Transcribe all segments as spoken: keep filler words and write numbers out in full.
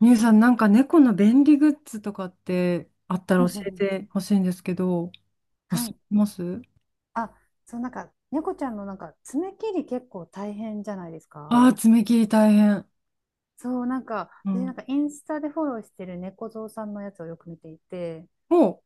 みゆさん、なんか猫の便利グッズとかってあったうんらう教んうえん。てほしいんですけど、おはすすい。めします。あ、そう、なんか、猫ちゃんのなんか、爪切り結構大変じゃないですか。ああー、爪切り大変。そう、なんか、う私なんん。かインスタでフォローしてる猫蔵さんのやつをよく見ていて、おう。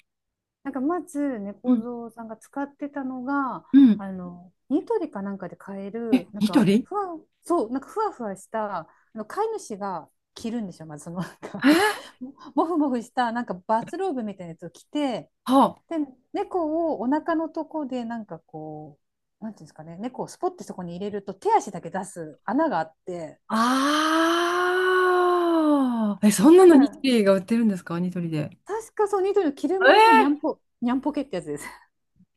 なんかまずう猫ん。蔵さんが使ってたのが、うん。あの、ニトリかなんかで買ええ、る、なんニトか、リ？ふわ、そう、なんかふわふわした、あの、飼い主が着るんですよ。まずその、なんえか、ー、ももふもふした、なんかバスローブみたいなやつを着て、はで、猫をお腹のとこで、なんかこう、なんていうんですかね、猫をスポッてそこに入れると、手足だけ出す穴があって、あ。ああ。え、そんでななんのニトか、リが売ってるんですかニトリで？確かそう、ニトリのキルモーフニャンえポ、ニャンポケってやつです。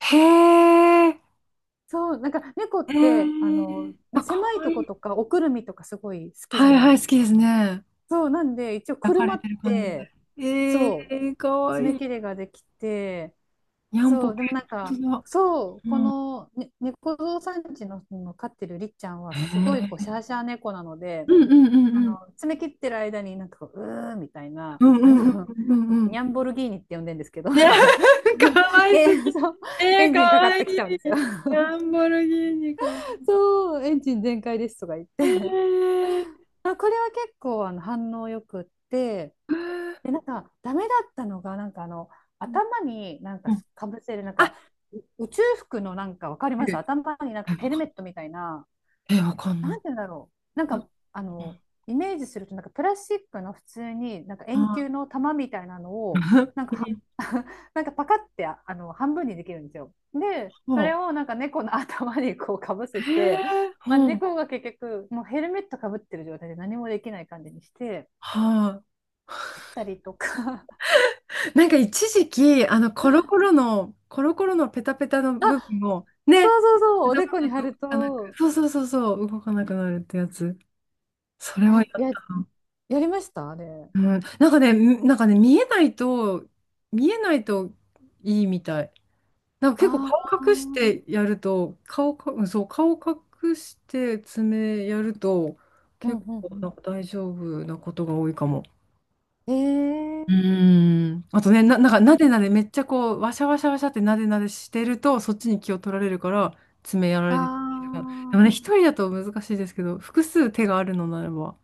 ー、へえ。そう、なんか猫っへえて、あー。の、あ、か狭いわといこい。とか、おくるみとかすごい好きじはゃいないはでい、す好きでか。すね。そう、なんで、一応抱か車れってる感じで。て、えそー、かう、わい爪い。切れができて、にゃんそぽけ。う、でもなん本か、当だ。そう、こうん。の、ね、猫蔵さんちの、の飼ってるりっちゃんは、すごいこうへ、シャーシャー猫なので、うんうんうあんうん。の、詰め切ってる間になんかこう、うーみたいな、うんうあんうんの、う んうん。ニャンボルギーニって呼んでるんですけど、いや、なんか かわ いえ、すぎ。そう、えエー、ンかジンかかっわいてきちゃうんでい。すよ。ランボルギーニかわいい。そう、エンジン全開ですとか言っえて。ー、まあ、これは結構あの反応よくって、うで、なんか、ダメだったのが、なんかあの、ん頭になんうかん、かぶせる、なんあ、か、宇宙服の、なんかわかりえ、ます、頭になんかわヘルかメんットみたいな、えわかんななんでだろう。なんい。なんか、かあの、イメージすると、なんかプラスチックの普通に、なんか円あ、球の玉みたいなのを、なんかは、なんかパカってああの半分にできるんですよ。で、それそをなんか猫の頭にこうかぶせう。えて、ー、まあ、ほうん。猫が結局、もうヘルメットかぶってる状態で何もできない感じにして、は切ったりとか。い。なんか一時期、あの、コロコロの、コロコロのペタペタのあ、部分を、ね、そうそうそう、お頭でこにだ貼と動るかなく、と、そうそうそうそう、動かなくなるってやつ。それあ、はやっや、やた。やりましたあれ。うん、なんかね、みなんかね、見えないと、見えないといいみたい。なんか結構あ顔あ、う隠しんてやると、顔か、うんそう、顔隠して爪やると、う結構なんんか大丈夫なことが多いかも。うん。ええうー、ーん。あとね、な、なんかなでなでめっちゃこう、わしゃわしゃわしゃってなでなでしてると、そっちに気を取られるから、爪やらあれてるから。であもー。ね、一人だと難しいですけど、複数手があるのならば、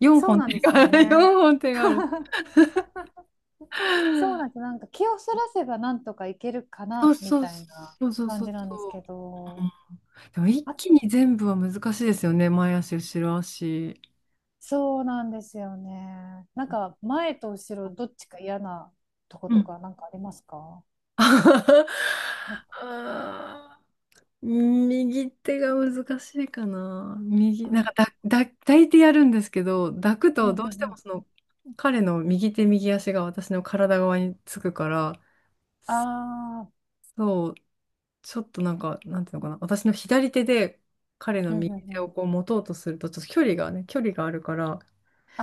4そう本な手んですがあよる、ね。よんほん手がある。そうなんです。なんか気をそらせばなんとかいけるかそうなみそうたいなそうそう感そうじなんそですけう。ど、でも一あ、気に全部は難しいですよね。前足、後ろ足。そうなんですよね。なんか前と後ろどっちか嫌なとこうとん。かなんかありますか？なんかあー右手が難しいかな。右、なんあ、かだ、だ、抱いてやるんですけど、抱くうんとうどうしてんうもん。その彼の右手右足が私の体側につくから、ああ、そう、ちょっとなんか、なんていうのかな、私の左手で彼のうんうん右手うをん。こう持とうとすると、ちょっと距離がね、距離があるから、あ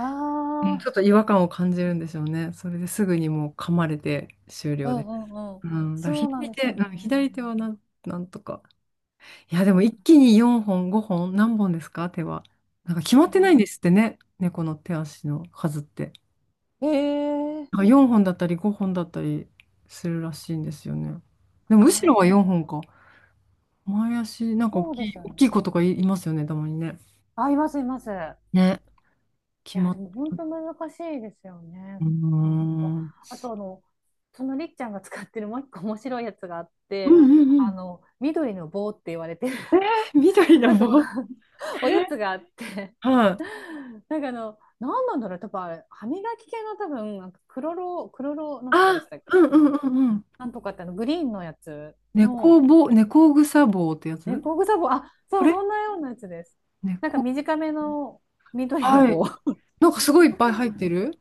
うん、ちょあ、っと違和感を感じるんでしょうね。それですぐにもう噛まれて終う了でんす。うんうん。うん、だからそうなん左で手、すようね。ん、左手はなん、なんとか。いや、でも一気によんほん、ごほん、何本ですか手は。なんか決まっでてないんは、ですってね、猫の手足の数って。ええー、なんかよんほんだったりごほんだったりするらしいんですよね。でもあ後ろあ、はよんほんか。前足、なんか大そうできい、すよ大ね。きい子とかい、いますよね、たまにね。あ、いますいます。ね、決いや、までっ、も本当難しいですようね。ーなんか、ん。うんあとあの、そのりっちゃんが使ってるもう一個面白いやつがあっうて、んうあん。の、緑の棒って言われてる、えー、緑 のなんか棒。おやつがあって、はい。なんかあの、何なんだろう、多分あれ、歯磨き系の多分、なんかクロロ、クロロなんとかであ、したっけ、うんあうんのうんうん。なんとかってあの、グリーンのやつ猫の、ぼ、猫草棒ってやね、つ、工具サボ、あ、こそう、れそんなようなやつです。なんか猫。短めの緑のはい。棒、なんかすごいいっぱい入ってる。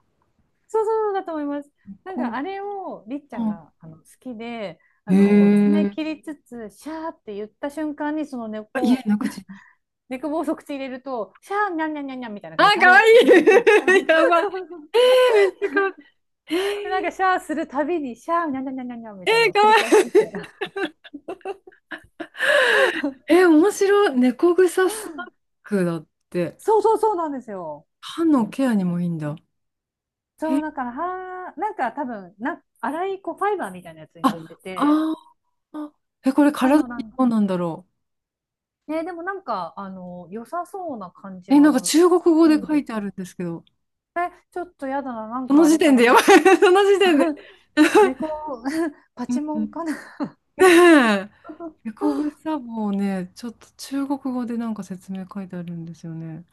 そうそうだと思います。なんこかあれをりっちう。ゃんがあうの好きで、あん。のへ爪え。切りつつ、シャーって言った瞬間に、そのあ、家猫、なくち。猫棒を即口入れると、シャー、にゃんにゃんにゃんニャンみたいなあ、感じで食かわべ い るんですい。よ。やばい。そうそう。えー、めっちゃかわいい。で、なんかえシャーするたびに、シャー、にゃんにゃんにゃんにゃんみー、たいなえのー、をか繰わり返しいい。てて、えー、面白い。猫草スナックだって。そうそうそうなんですよ。歯のケアにもいいんだ。えそー、う、だから、はー、なんか多分な、粗いこうファイバーみたいなやつになっあ、てて、あー。え、これあ体の、なにんか、どうなんだろね、でもなんか、あの、良さそうな感う。じえ、なんはか中す国語るでん書ですいてあよるね。んですけど。え、ちょっとやだな、なんそかのあ時れか点でな。やばパい。その時点で。猫、パチモうンん、かな。ねえ。エコグサボをね、ちょっと中国語でなんか説明書いてあるんですよね。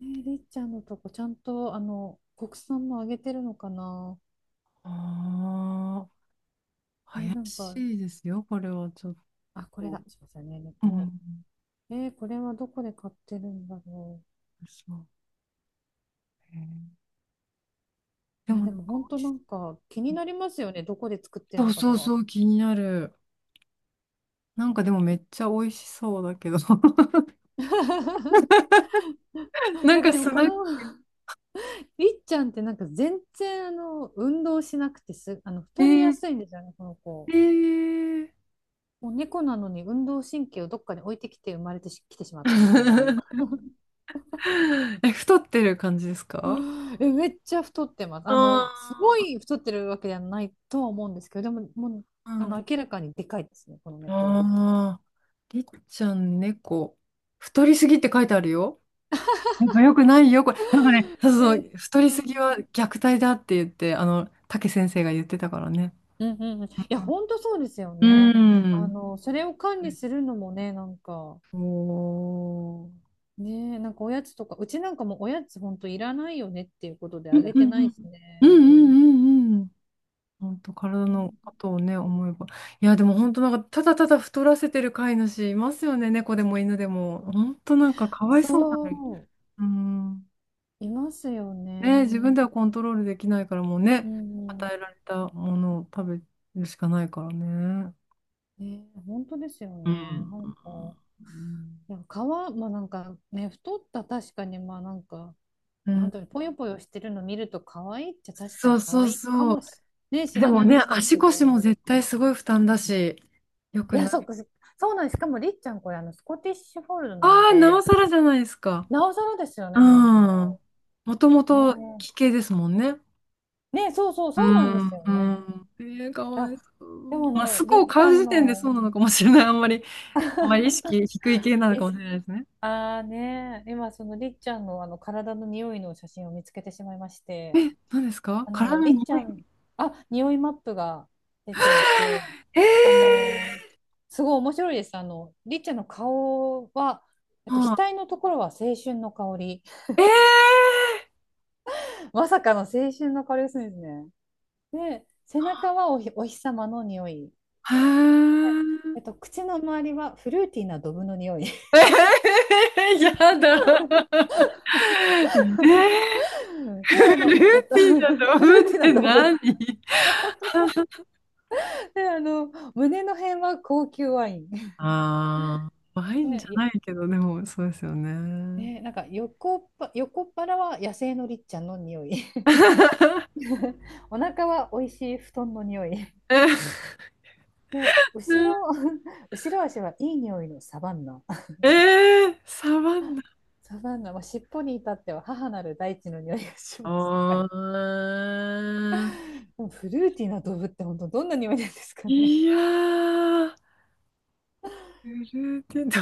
えー、りっちゃんのとこ、ちゃんと、あの、国産もあげてるのかな。ああ、え怪ーなんか、しいですよ、これはちょっあ、これと。だ。すいませんね、う猫。ん、えー、これはどこで買ってるんだろそうね。でう。いもや、なでんもか本当なし、んか気になりますよね。どこで作ってそんうのかそとうそか。う、気になる。なんかでもめっちゃ美味しそうだけど。ななんんかかでもスナこック。の りっちゃんってなんか全然あの運動しなくてす、あのえ太りやー、すいんですよね、この子。えー もう猫なのに運動神経をどっかに置いてきて生まれてしきてしまったみたいな。え、太ってる感じですか？え、めっちゃ太ってます。あの、すごあい太ってるわけではないとは思うんですけど、でも、もう、あー、あうん。の、明らかにでかいですね、この猫。ああ、りっちゃん猫。太りすぎって書いてあるよ。やっぱよくないよ、これ。なんかね、そえうそー、う、太うりすぎんうはん虐待だって言って、あの、竹先生が言ってたからね。うんうん、いや、本当そうですようね。あん。の、それを管理するのもね、なんか、おー。ねえ、なんかおやつとか、うちなんかもおやつほんといらないよねっていうことでうあんうんげてうないんしうんね。うんうんうん。本当、体のことをね、思えば。いや、でも本当なんか、ただただ太らせてる飼い主いますよね、猫でも犬でも。本当なんか、かわいそうなのに。そうん。う、いますよね、自分ね。ではコントロールできないからもううね、んうんうん。与えられたものを食べるしかないからね。ね、本当ですようね。ん。なんか、いや、皮、まあなんかね、太った確かに、まあなんか、うなんん、だろう、ぽよぽよしてるの見ると可愛いっちゃ確かそにう可そう愛いかそもう。し、ね、知でれなもいんね、ですけ足腰もど。絶対すごい負担だし、よいくや、なそっい。か、そそうなんです。しかもりっちゃんこれあの、スコティッシュフォールドなのああ、なおで、さらじゃないですか。なおさらですようね、本ん。当。もともえとえ、奇形ですもんね。ね、そうそう、うそうなんでん、すようね。ん。えー、かいわや、いそでう。もあまあ、の、スりコをっち買ゃうん時点でその、うなのかもしれない。あんまり、あんまり意識低い系なのかもしれないですね。ああね、今そのりっちゃんのあの体の匂いの写真を見つけてしまいまして、何ですかあ体のの匂りっちゃん、い？あ、匂いマップが出ていて、えあー、の、すごい面白いです。あのりっちゃんの顔は、えっと、は額あ、のところは青春の香り、えー、まさかの青春の香りがするんですね。で、背中はおひ、お日様の匂い、はー。えっと、口の周りはフルーティーなドブの匂い。えー、やだ。えー、ルで、ーテあィの、ンあと だとフル思っーティーなてド何。ブ。で、あの、胸の辺は高級ワイン。あ あー、ワインじね、ゃいないけど、でも、そうですよね。ね、なんか横っぱ、横っ腹は野生のりっちゃんの匂い お腹は美味しい布団の匂い。えで、後ろ、ー、後ろ足はいい匂いのサバンナ。えー、サバンナ。サバンナ、まあ、尻尾に至っては母なる大地の匂いがしますって書いて、あフルーティーな動物って本当どんな匂いなんですかーね。 いやー。フルーティーと、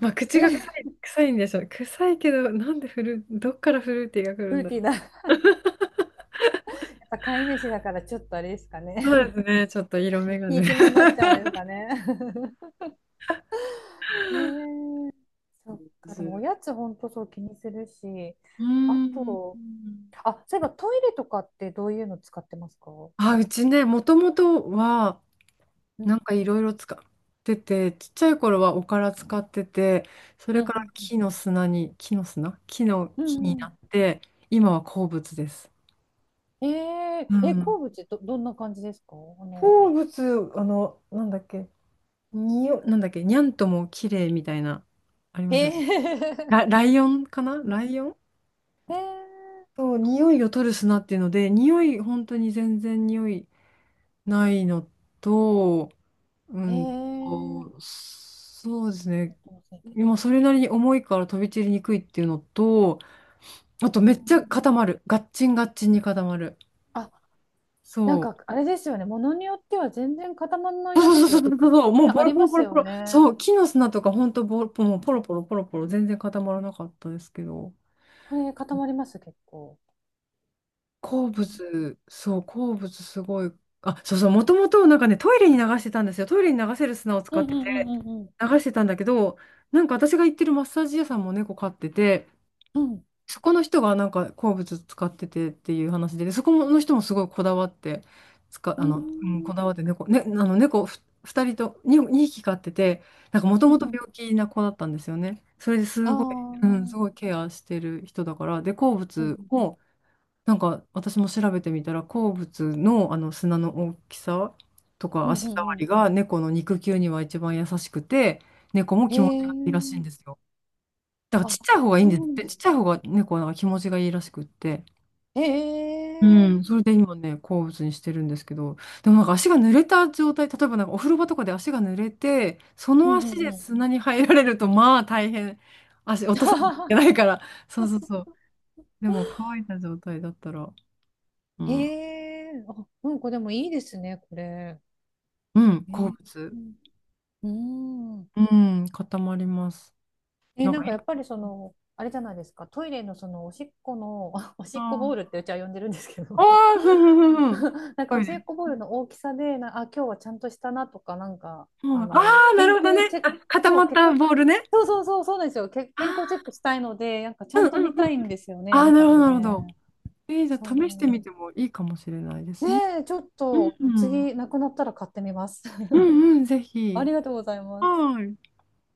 まあ、口が臭フい、臭いんでしょう。臭いけど、なんでフル、どっからフルーティーが来るルんーだテろィーう。な。飼い主だからちょっとあれですかそうでね。すね、ちょっと色眼ひ鏡いで、き目になっちゃうんですかね。へー、そっか、でもおやつほんとそう気にするし、うあーと、ん。あ、そういえばトイレとかってどういうの使ってますか、うあ、うちね、もともとは、ん、なんかいろいろ使ってて、ちっちゃい頃はおから使ってて、そうれかん、うらん、うん。木の砂に、木の砂、木のう木になん、って、今は鉱物です。えー、うえ、ん。鉱物ど、どんな感じですか、あの、鉱物、あの、なんだっけ、にお、なんだっけ、にゃんとも綺麗みたいな、ありへますよね。え、ラ、ライオンかな、ライオン。へえ、そう、匂いを取る砂っていうので、匂い、本当に全然匂いないのと、うへんえ、と、そうですあね。との清潔。今、それなりに重いから飛び散りにくいっていうのと、あうと、めっちゃん、固まる。ガッチンガッチンに固まる。あ、なんそう。かあれですよね、ものによっては全然固まらないやそうそうそうつ、そうか、そうそう、ね、もうポあロりポまロポすロポよロ。ね。そう、木の砂とか、本当ボロ、もうポロポロポロポロ、全然固まらなかったですけど。これ固まります、結構。鉱ね、物、そう、鉱物すごい。あ、そうそう、もともとなんかね、トイレに流してたんですよ。トイレに流せる砂をう使っんてうて、んうんうん流してたんだけど、なんか私が行ってるマッサージ屋さんも猫飼ってて、うん。うん。そこの人がなんか鉱物使っててっていう話で、でそこの人もすごいこだわって、使うーあの、うん、こだん、わって猫、ね、あの猫ふふたりとに、に匹飼ってて、なんかもとうんもとうん。病気な子だったんですよね。それであすごい、あ、うん、すごいケアしてる人だから、で、鉱うんうん。物を、なんか私も調べてみたら鉱物の、あの砂の大きさとうかんう足触んうりん。が猫の肉球には一番優しくて、猫もへ気持ちがいいらしいんえ。ですよ。だからちっあ、ちゃい方がいいんそですうっなんて、でちっす。ちゃい方が猫はなんか気持ちがいいらしくって。へうえ。ん、それで今ね、好物にしてるんですけど、でもなんか足が濡れた状態、例えばなんかお風呂場とかで足が濡れて、そうのん足うんでうん。砂に入られると、まあ大変、足落とさないといけな いから、そうそうそう。でも乾いた状態だったら、うへん、え。あ、うんこでもいいですね、これ。うん、え好ー、う物。ん。うん、うん、固まります。え、なんなか、んいかやっぱろんりその、あれじゃないですか、トイレのそのおしっこの、おしな、っこボールってうちは呼んでるんですけあど、あ、ふんふんふんふん。なんかトおイしレ。もっこボールの大きさでなあ、今日はちゃんとしたなとか、なんかう、あのああ、な健るほど康ね。チェッあ、ク、固そまうっ結た構、ボールね。そうそうそうそうなんですよ、け健康チェッあクしたいのでなんかちー、ゃんとうん見うたん、いんですよね、やあっあ、なぱるほりど、なるほど。ね。えー、じゃあそ試してみてもいいかもしれないでうすね。ね、え、ちょっうとん。次なくなったら買ってみます。 うんうん、ぜ あひ。りがとうございます。はい。